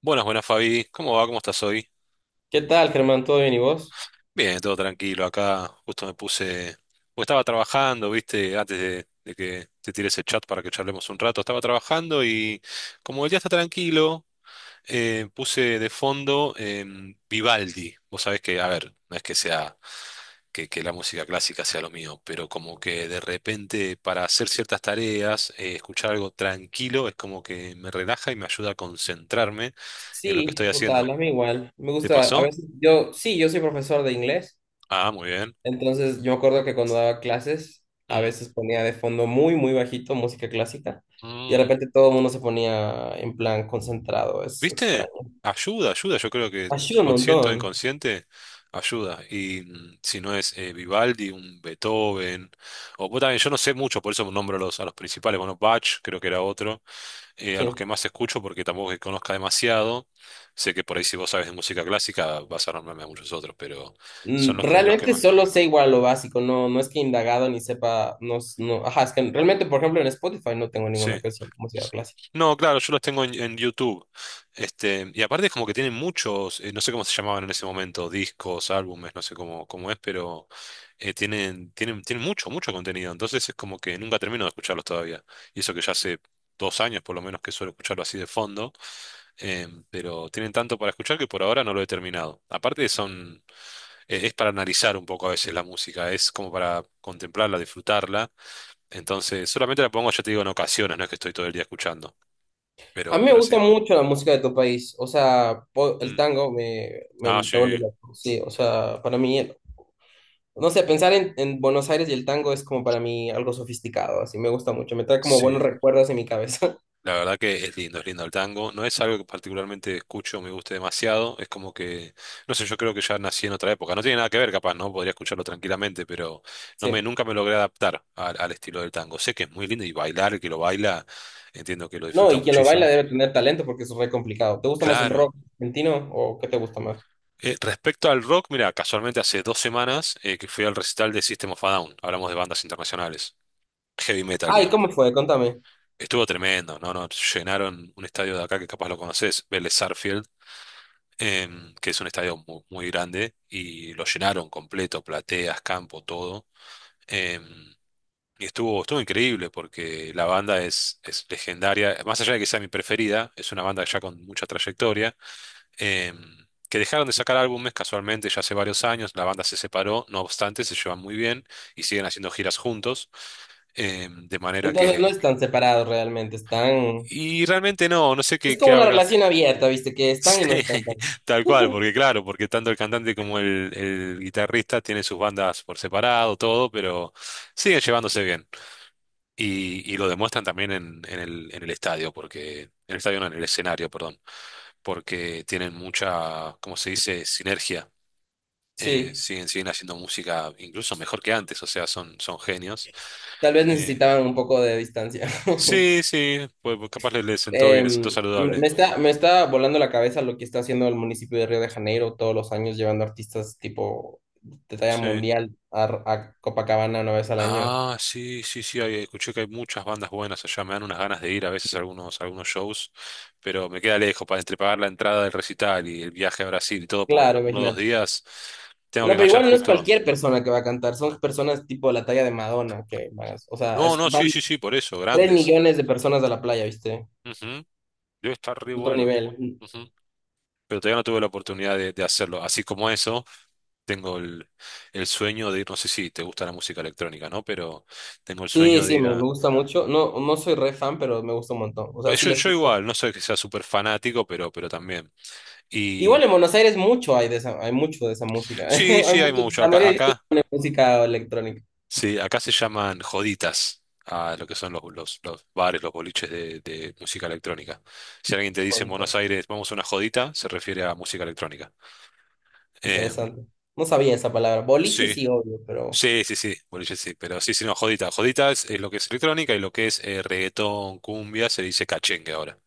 Buenas, buenas Fabi, ¿cómo va? ¿Cómo estás hoy? ¿Qué tal, Germán? ¿Todo bien y vos? Bien, todo tranquilo acá, justo me puse, porque estaba trabajando, viste, antes de que te tire ese chat para que charlemos un rato, estaba trabajando y como el día está tranquilo, puse de fondo Vivaldi, vos sabés que, a ver, no es que sea, que la música clásica sea lo mío, pero como que de repente para hacer ciertas tareas, escuchar algo tranquilo es como que me relaja y me ayuda a concentrarme en lo que Sí, estoy total, haciendo. a mí igual. Me ¿Te gusta, a pasó? veces yo, sí, yo soy profesor de inglés, Ah, muy bien. entonces yo me acuerdo que cuando daba clases, a Mm, veces ponía de fondo muy, muy bajito música clásica y de mm. repente todo el mundo se ponía en plan concentrado, es ¿Viste? extraño. Ayuda, ayuda. Yo creo que Ayuda un consciente o montón, inconsciente ayuda. Y si no es Vivaldi, un Beethoven, o vos también, yo no sé mucho, por eso nombro a los, principales. Bueno, Bach creo que era otro, a los sí. que más escucho porque tampoco es que conozca demasiado. Sé que por ahí si vos sabes de música clásica vas a nombrarme a muchos otros, pero son los que, Realmente más. solo sé igual lo básico, no, no es que he indagado ni sepa, no, no, ajá, es que realmente, por ejemplo, en Spotify no tengo ninguna Sí. canción de música clásica. No, claro, yo los tengo en YouTube. Este, y aparte es como que tienen muchos, no sé cómo se llamaban en ese momento, discos, álbumes, no sé cómo es, pero tienen mucho, mucho contenido. Entonces es como que nunca termino de escucharlos todavía. Y eso que ya hace 2 años por lo menos que suelo escucharlo así de fondo. Pero tienen tanto para escuchar que por ahora no lo he terminado. Aparte son, es para analizar un poco a veces la música, es como para contemplarla, disfrutarla. Entonces solamente la pongo, ya te digo, en ocasiones, no es que estoy todo el día escuchando. A Pero, mí me pero sí. gusta mucho la música de tu país, o sea, el Mm. tango me, me, Ah, me vuelve sí, loco, sí, o sea, para mí, no sé, pensar en, Buenos Aires y el tango es como para mí algo sofisticado, así me gusta mucho, me trae como buenos sí. recuerdos en mi cabeza, La verdad que es lindo el tango. No es algo que particularmente escucho, me guste demasiado. Es como que, no sé, yo creo que ya nací en otra época. No tiene nada que ver, capaz, ¿no? Podría escucharlo tranquilamente, pero no me, sí. nunca me logré adaptar al, estilo del tango. Sé que es muy lindo y bailar, el que lo baila, entiendo que lo No, disfruta y quien lo baila muchísimo. debe tener talento porque es re complicado. ¿Te gusta más el Claro. rock argentino o qué te gusta más? Respecto al rock, mira, casualmente hace 2 semanas que fui al recital de System of a Down. Hablamos de bandas internacionales. Heavy metal, Ah, ¿y cómo digamos. fue? Contame. Estuvo tremendo, ¿no? No, llenaron un estadio de acá que capaz lo conoces, Vélez Sarsfield, que es un estadio muy grande, y lo llenaron completo, plateas, campo, todo. Em, y estuvo increíble porque la banda es legendaria, más allá de que sea mi preferida, es una banda ya con mucha trayectoria, em, que dejaron de sacar álbumes casualmente ya hace varios años, la banda se separó, no obstante, se llevan muy bien y siguen haciendo giras juntos, de manera Entonces no que. están separados realmente, están. Y realmente no, no sé qué, Es qué como una habrá. relación abierta, ¿viste? Que están y no Sí, están también. tal cual, porque claro, porque tanto el cantante como el guitarrista tienen sus bandas por separado, todo, pero siguen llevándose bien. Y lo demuestran también en el estadio, porque, en el estadio no, en el escenario, perdón, porque tienen mucha, ¿cómo se dice?, sinergia. Eh, Sí, siguen, siguen haciendo música incluso mejor que antes, o sea, son genios. tal vez Eh, necesitaban un poco de distancia. sí, sí, pues capaz les, sentó bien, les Em, sentó saludable. me está volando la cabeza lo que está haciendo el municipio de Río de Janeiro todos los años, llevando artistas tipo de talla Sí. mundial a Copacabana una vez al año. Ah, sí, sí, sí, ahí escuché que hay muchas bandas buenas allá, me dan unas ganas de ir a veces a algunos shows, pero me queda lejos, para entre pagar la entrada del recital y el viaje a Brasil y todo por Claro, uno o dos imagínate. días, tengo que No, pero enganchar igual no es justo. cualquier persona que va a cantar, son personas tipo de la talla de Madonna, que, van o sea, No, no, van sí, sí, sí, por eso, 3 grandes. millones de personas a la playa, ¿viste? Ujú. Debe estar re Otro bueno. nivel. Ujú. Pero todavía no tuve la oportunidad de, hacerlo. Así como eso, tengo el sueño de ir, no sé si te gusta la música electrónica, ¿no? Pero tengo el Sí, sueño de sí, ir me a. gusta mucho. No, no soy re fan, pero me gusta un montón. O sea, Bueno, sí Yo, la yo escucho. igual, no soy que sea súper fanático, pero también. Igual en Buenos Aires mucho hay de esa, hay mucho de esa música. Sí, Hay sí, hay mucho, mucho. la Acá, mayoría de discos acá, ponen música electrónica. sí, acá se llaman joditas a lo que son los bares, los boliches de música electrónica. Si alguien te dice en Buenos Joditas. Aires, vamos a una jodita, se refiere a música electrónica. Eh, Interesante. No sabía esa palabra. Boliche sí, sí, obvio, pero sí, sí, sí, boliches sí, pero sí, sí, no, jodita. Jodita es lo que es electrónica y lo que es reggaetón, cumbia, se dice cachengue ahora.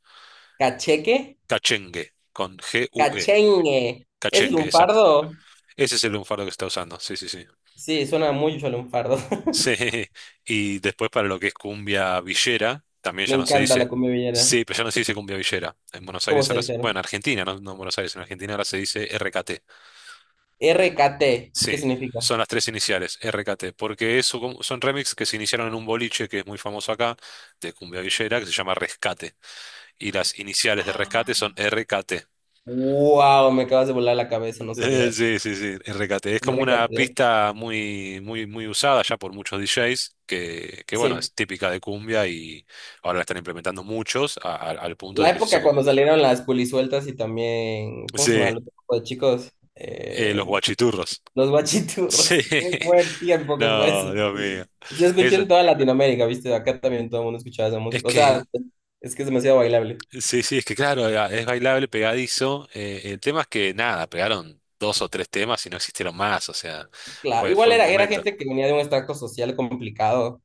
cacheque, Cachengue, con GUE. cachengue. ¿Es Cachengue, exacto. lunfardo? Ese es el lunfardo que se está usando, sí, sí, sí. Sí, suena mucho a lunfardo. Sí, y después para lo que es cumbia villera, también Me ya no se encanta dice. la cumbia villera. Sí, pero ya no se dice cumbia villera. En Buenos ¿Cómo Aires se ahora, dice? bueno, ¿No? en Argentina, no, no en Buenos Aires, en Argentina ahora se dice RKT. RKT. ¿Y qué Sí, significa? son las tres iniciales, RKT, porque son remix que se iniciaron en un boliche que es muy famoso acá, de cumbia villera, que se llama Rescate. Y las iniciales de Rescate son RKT. Wow, me acabas de volar la cabeza, no sabía eso. Sí, sí, sí, el recate. Es como una RKT. pista muy, muy, muy usada ya por muchos DJs, que bueno, Sí. es típica de cumbia y ahora la están implementando muchos al punto La de que se hizo época común. cuando salieron las pulisueltas y también, ¿cómo se llama? Sí, el otro grupo de chicos, los Eh, guachiturros. los Sí, guachiturros. Qué buen tiempo que fue eso. no, Dios mío. Se escuchó Es, en toda Latinoamérica, ¿viste? Acá también todo el mundo escuchaba esa es música. O sea, que, es que es demasiado bailable. sí, sí, es que claro, es bailable, pegadizo. El tema es que nada, pegaron dos o tres temas y no existieron más, o sea, Claro, fue, igual fue un era, era momento. gente que venía de un extracto social complicado.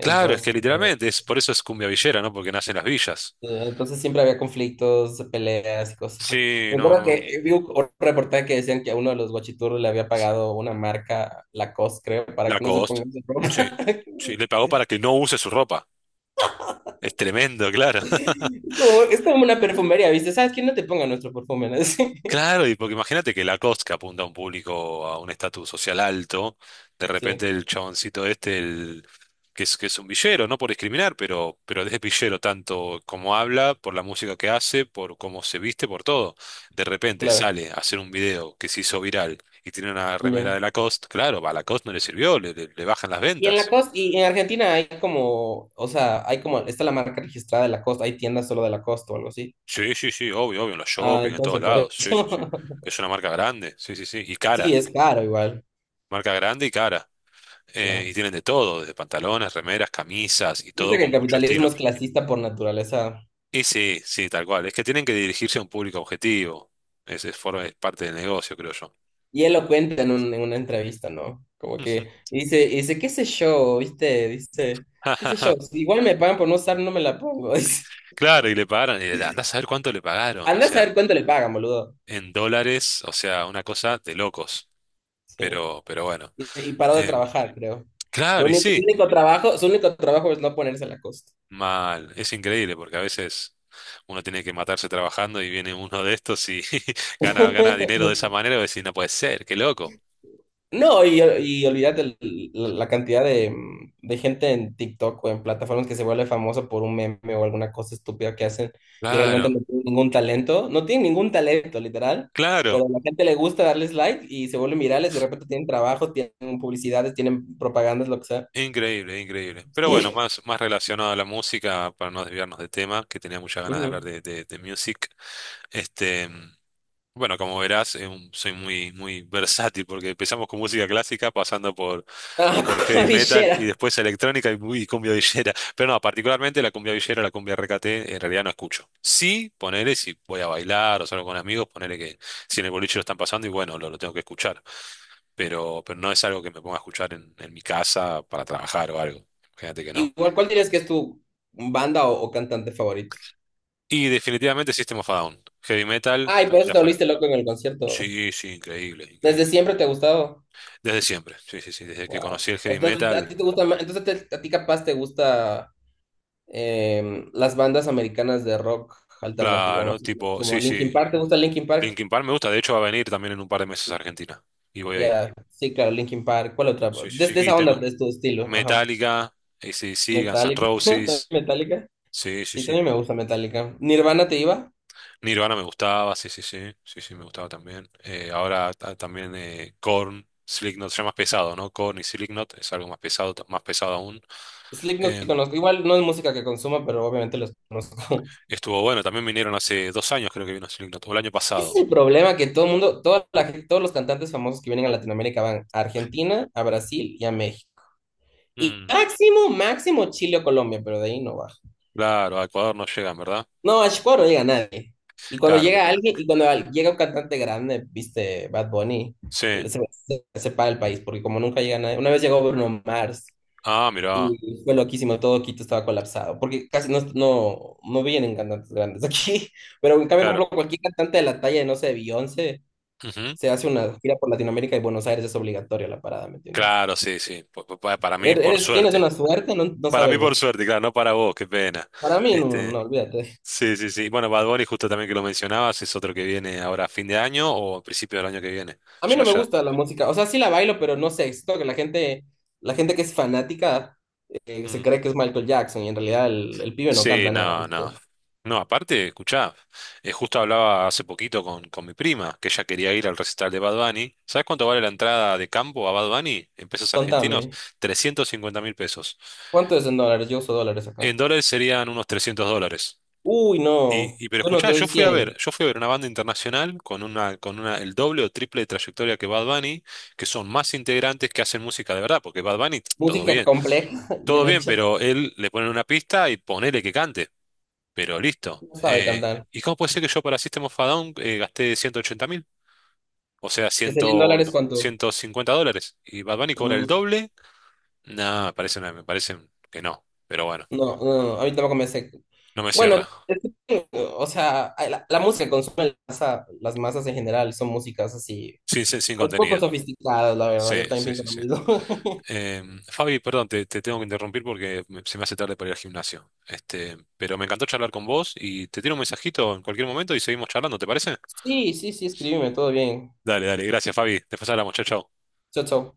Claro, es que literalmente, es, por eso es cumbia villera, ¿no? Porque nace en las villas. sí, entonces siempre había conflictos, peleas y cosas así. Sí, Me no, acuerdo que no. Vi un reportaje que decían que a uno de los guachiturros le había pagado una marca, Lacoste, creo, para que no se Lacoste. ponga su Sí. ropa. Sí, le pagó para que no use su ropa. Es tremendo, claro. Es como una perfumería, ¿viste? ¿Sabes quién no te ponga nuestro perfume? ¿No? Sí, Claro, y porque imagínate que Lacoste que apunta a un público, a un estatus social alto, de sí, repente el chaboncito este, que es un villero, no por discriminar, pero es villero tanto como habla, por la música que hace, por cómo se viste, por todo. De repente claro. sale a hacer un video que se hizo viral y tiene una remera Ya. de Lacoste, claro, a Lacoste no le sirvió, le bajan las Y en ventas. Lacoste, y en Argentina hay como, o sea, hay como, está la marca registrada de Lacoste, hay tiendas solo de Lacoste o algo así. Sí, sí, sí, obvio, obvio, en los Ah, shopping, en todos entonces por lados. eso. Sí, sí, sí. Es una marca grande, sí, sí, sí. Y Sí, cara, es caro igual, marca grande y cara. Eh, claro. y tienen de todo, desde pantalones, remeras, camisas y Dice todo que el con mucho capitalismo estilo. es clasista por naturaleza. Y sí, sí, tal cual. Es que tienen que dirigirse a un público objetivo. Ese es parte del negocio, creo yo. Y él lo cuenta en, en una entrevista, ¿no? Como que y dice, qué sé yo, ¿viste? Dice, qué sé yo, si igual me pagan por no usar, no me la pongo. Dice, Claro, y le pagaron, y andá a saber cuánto le pagaron, o anda a sea, saber cuánto le pagan, boludo. en dólares, o sea, una cosa de locos. Sí. Pero bueno. Y paró de Em, trabajar, creo. Lo claro, y único, sí. Su único trabajo es no ponerse la costa. Mal, es increíble porque a veces uno tiene que matarse trabajando y viene uno de estos y gana dinero de esa manera y decís, no puede ser, qué loco. No, y olvídate la cantidad de gente en TikTok o en plataformas que se vuelve famosa por un meme o alguna cosa estúpida que hacen y realmente Claro, no tienen ningún talento, no tienen ningún talento, literal, claro, pero a la gente le gusta darles like y se vuelven virales, de repente tienen trabajo, tienen publicidades, tienen propagandas, lo que sea. increíble, increíble. Pero bueno, más relacionado a la música, para no desviarnos de tema, que tenía muchas ganas de hablar Ujú. de, music. Este. Bueno, como verás, soy muy, muy versátil porque empezamos con música clásica, pasando por, Ah, por heavy metal Avishera. y después electrónica y cumbia villera. Pero no, particularmente la cumbia villera, la cumbia RKT, en realidad no escucho. Sí, ponele si voy a bailar o salgo con amigos, ponele que si en el boliche lo están pasando y bueno, lo tengo que escuchar. Pero no es algo que me ponga a escuchar en mi casa para trabajar o algo. Fíjate que no. Igual, ¿cuál dirías que es tu banda o cantante favorito? Y definitivamente System of a Down, heavy metal, Ay, por eso ya te afuera. volviste loco en el concierto. Sí, sí, increíble, ¿Desde increíble. siempre te ha gustado? Desde siempre, sí, sí, sí, desde que Wow. conocí el O heavy sea, entonces, a metal, ti te gusta más, entonces a ti capaz te gusta las bandas americanas de rock alternativo, claro, más o menos, tipo, como sí, Linkin sí, Park, ¿te gusta Linkin Park? Linkin Park me gusta, de hecho va a venir también en un par de meses a Argentina, y voy a ir, Ya, sí, claro, Linkin Park, ¿cuál otra? sí, De, sí, de sí, y esa onda, tengo de tu estilo, ajá. Metallica, AC/DC, Guns N' Metallica, ¿también Roses, Metallica, sí, sí, sí, sí, también me gusta Metallica. ¿Nirvana te iba? Nirvana me gustaba, sí, sí, sí, sí, sí, me gustaba también. Ahora también Korn, Slipknot, ya más pesado, ¿no? Korn y Slipknot es algo más pesado, más pesado aún. Slipknot te Em, conozco, igual no es música que consuma, pero obviamente los conozco. estuvo bueno, también vinieron hace 2 años creo que vino Slipknot, o el año Ese es pasado. el problema que todo el mundo, todos los cantantes famosos que vienen a Latinoamérica van a Argentina, a Brasil y a México. Y Mm, máximo, máximo Chile o Colombia, pero de ahí no baja. claro, a Ecuador no llegan, ¿verdad? No, a Chicago no llega nadie. Y cuando Claro, qué llega pena. alguien, y cuando llega un cantante grande, viste, Bad Bunny, Sí. se, se separa el país, porque como nunca llega nadie. Una vez llegó Bruno Mars Ah, mira, y fue loquísimo, todo Quito estaba colapsado, porque casi no, no, no vienen cantantes grandes aquí. Pero en cambio, por claro. ejemplo, cualquier cantante de la talla de, no sé, Beyoncé, Ujú. se hace una gira por Latinoamérica y Buenos Aires es obligatoria la parada, ¿me entiendes? Claro, sí, sí. Para mí, Er- por Eres, tienes suerte. una suerte, no, no Para mí, sabes por vos. suerte, claro, no para vos, qué pena. Para mí, no, Este, no, olvídate. sí, sí, sí. Bueno, Bad Bunny, justo también que lo mencionabas, es otro que viene ahora a fin de año o a principio del año que viene. A mí Ya, no me ya. gusta la música, o sea, sí la bailo, pero no sé, siento que la gente que es fanática se Mm. cree que es Michael Jackson y en realidad el pibe no Sí, canta nada, no, ¿viste? no. No, aparte, escuchá, justo hablaba hace poquito con, mi prima, que ella quería ir al recital de Bad Bunny. ¿Sabes cuánto vale la entrada de campo a Bad Bunny en pesos argentinos? Contame, 350.000 pesos. ¿cuánto es en dólares? Yo uso dólares En acá. dólares serían unos 300 dólares. Uy, Y, no, y pero yo no te escuchá, doy yo fui a ver, 100. yo fui a ver una banda internacional con una, el doble o triple de trayectoria que Bad Bunny, que son más integrantes que hacen música de verdad, porque Bad Bunny, Música compleja, todo bien bien, hecha, pero él le ponen una pista y ponele que cante, pero listo. no sabe cantar. ¿Y cómo puede ser que yo para System of a Down gasté 180.000? O sea, ¿Qué cien, sería en dólares cuánto? 150 dólares. ¿Y Bad Bunny cobra el Mm, doble? No, me parece, me parece que no, pero bueno, no, no, a mí tampoco me sé. no me Bueno, cierra, es que, o sea, la música que consume las masas en general son músicas así. sin Pues poco contenido. sofisticados, la verdad, Sí, yo sí, también pienso sí, lo sí. mismo. Fabi, perdón, te tengo que interrumpir porque se me hace tarde para ir al gimnasio. Este, pero me encantó charlar con vos y te tiro un mensajito en cualquier momento y seguimos charlando, ¿te parece? Sí, sí, sí, escríbeme, todo bien. Dale, dale, gracias, Fabi. Después hablamos, chao, chao. Chao, chao.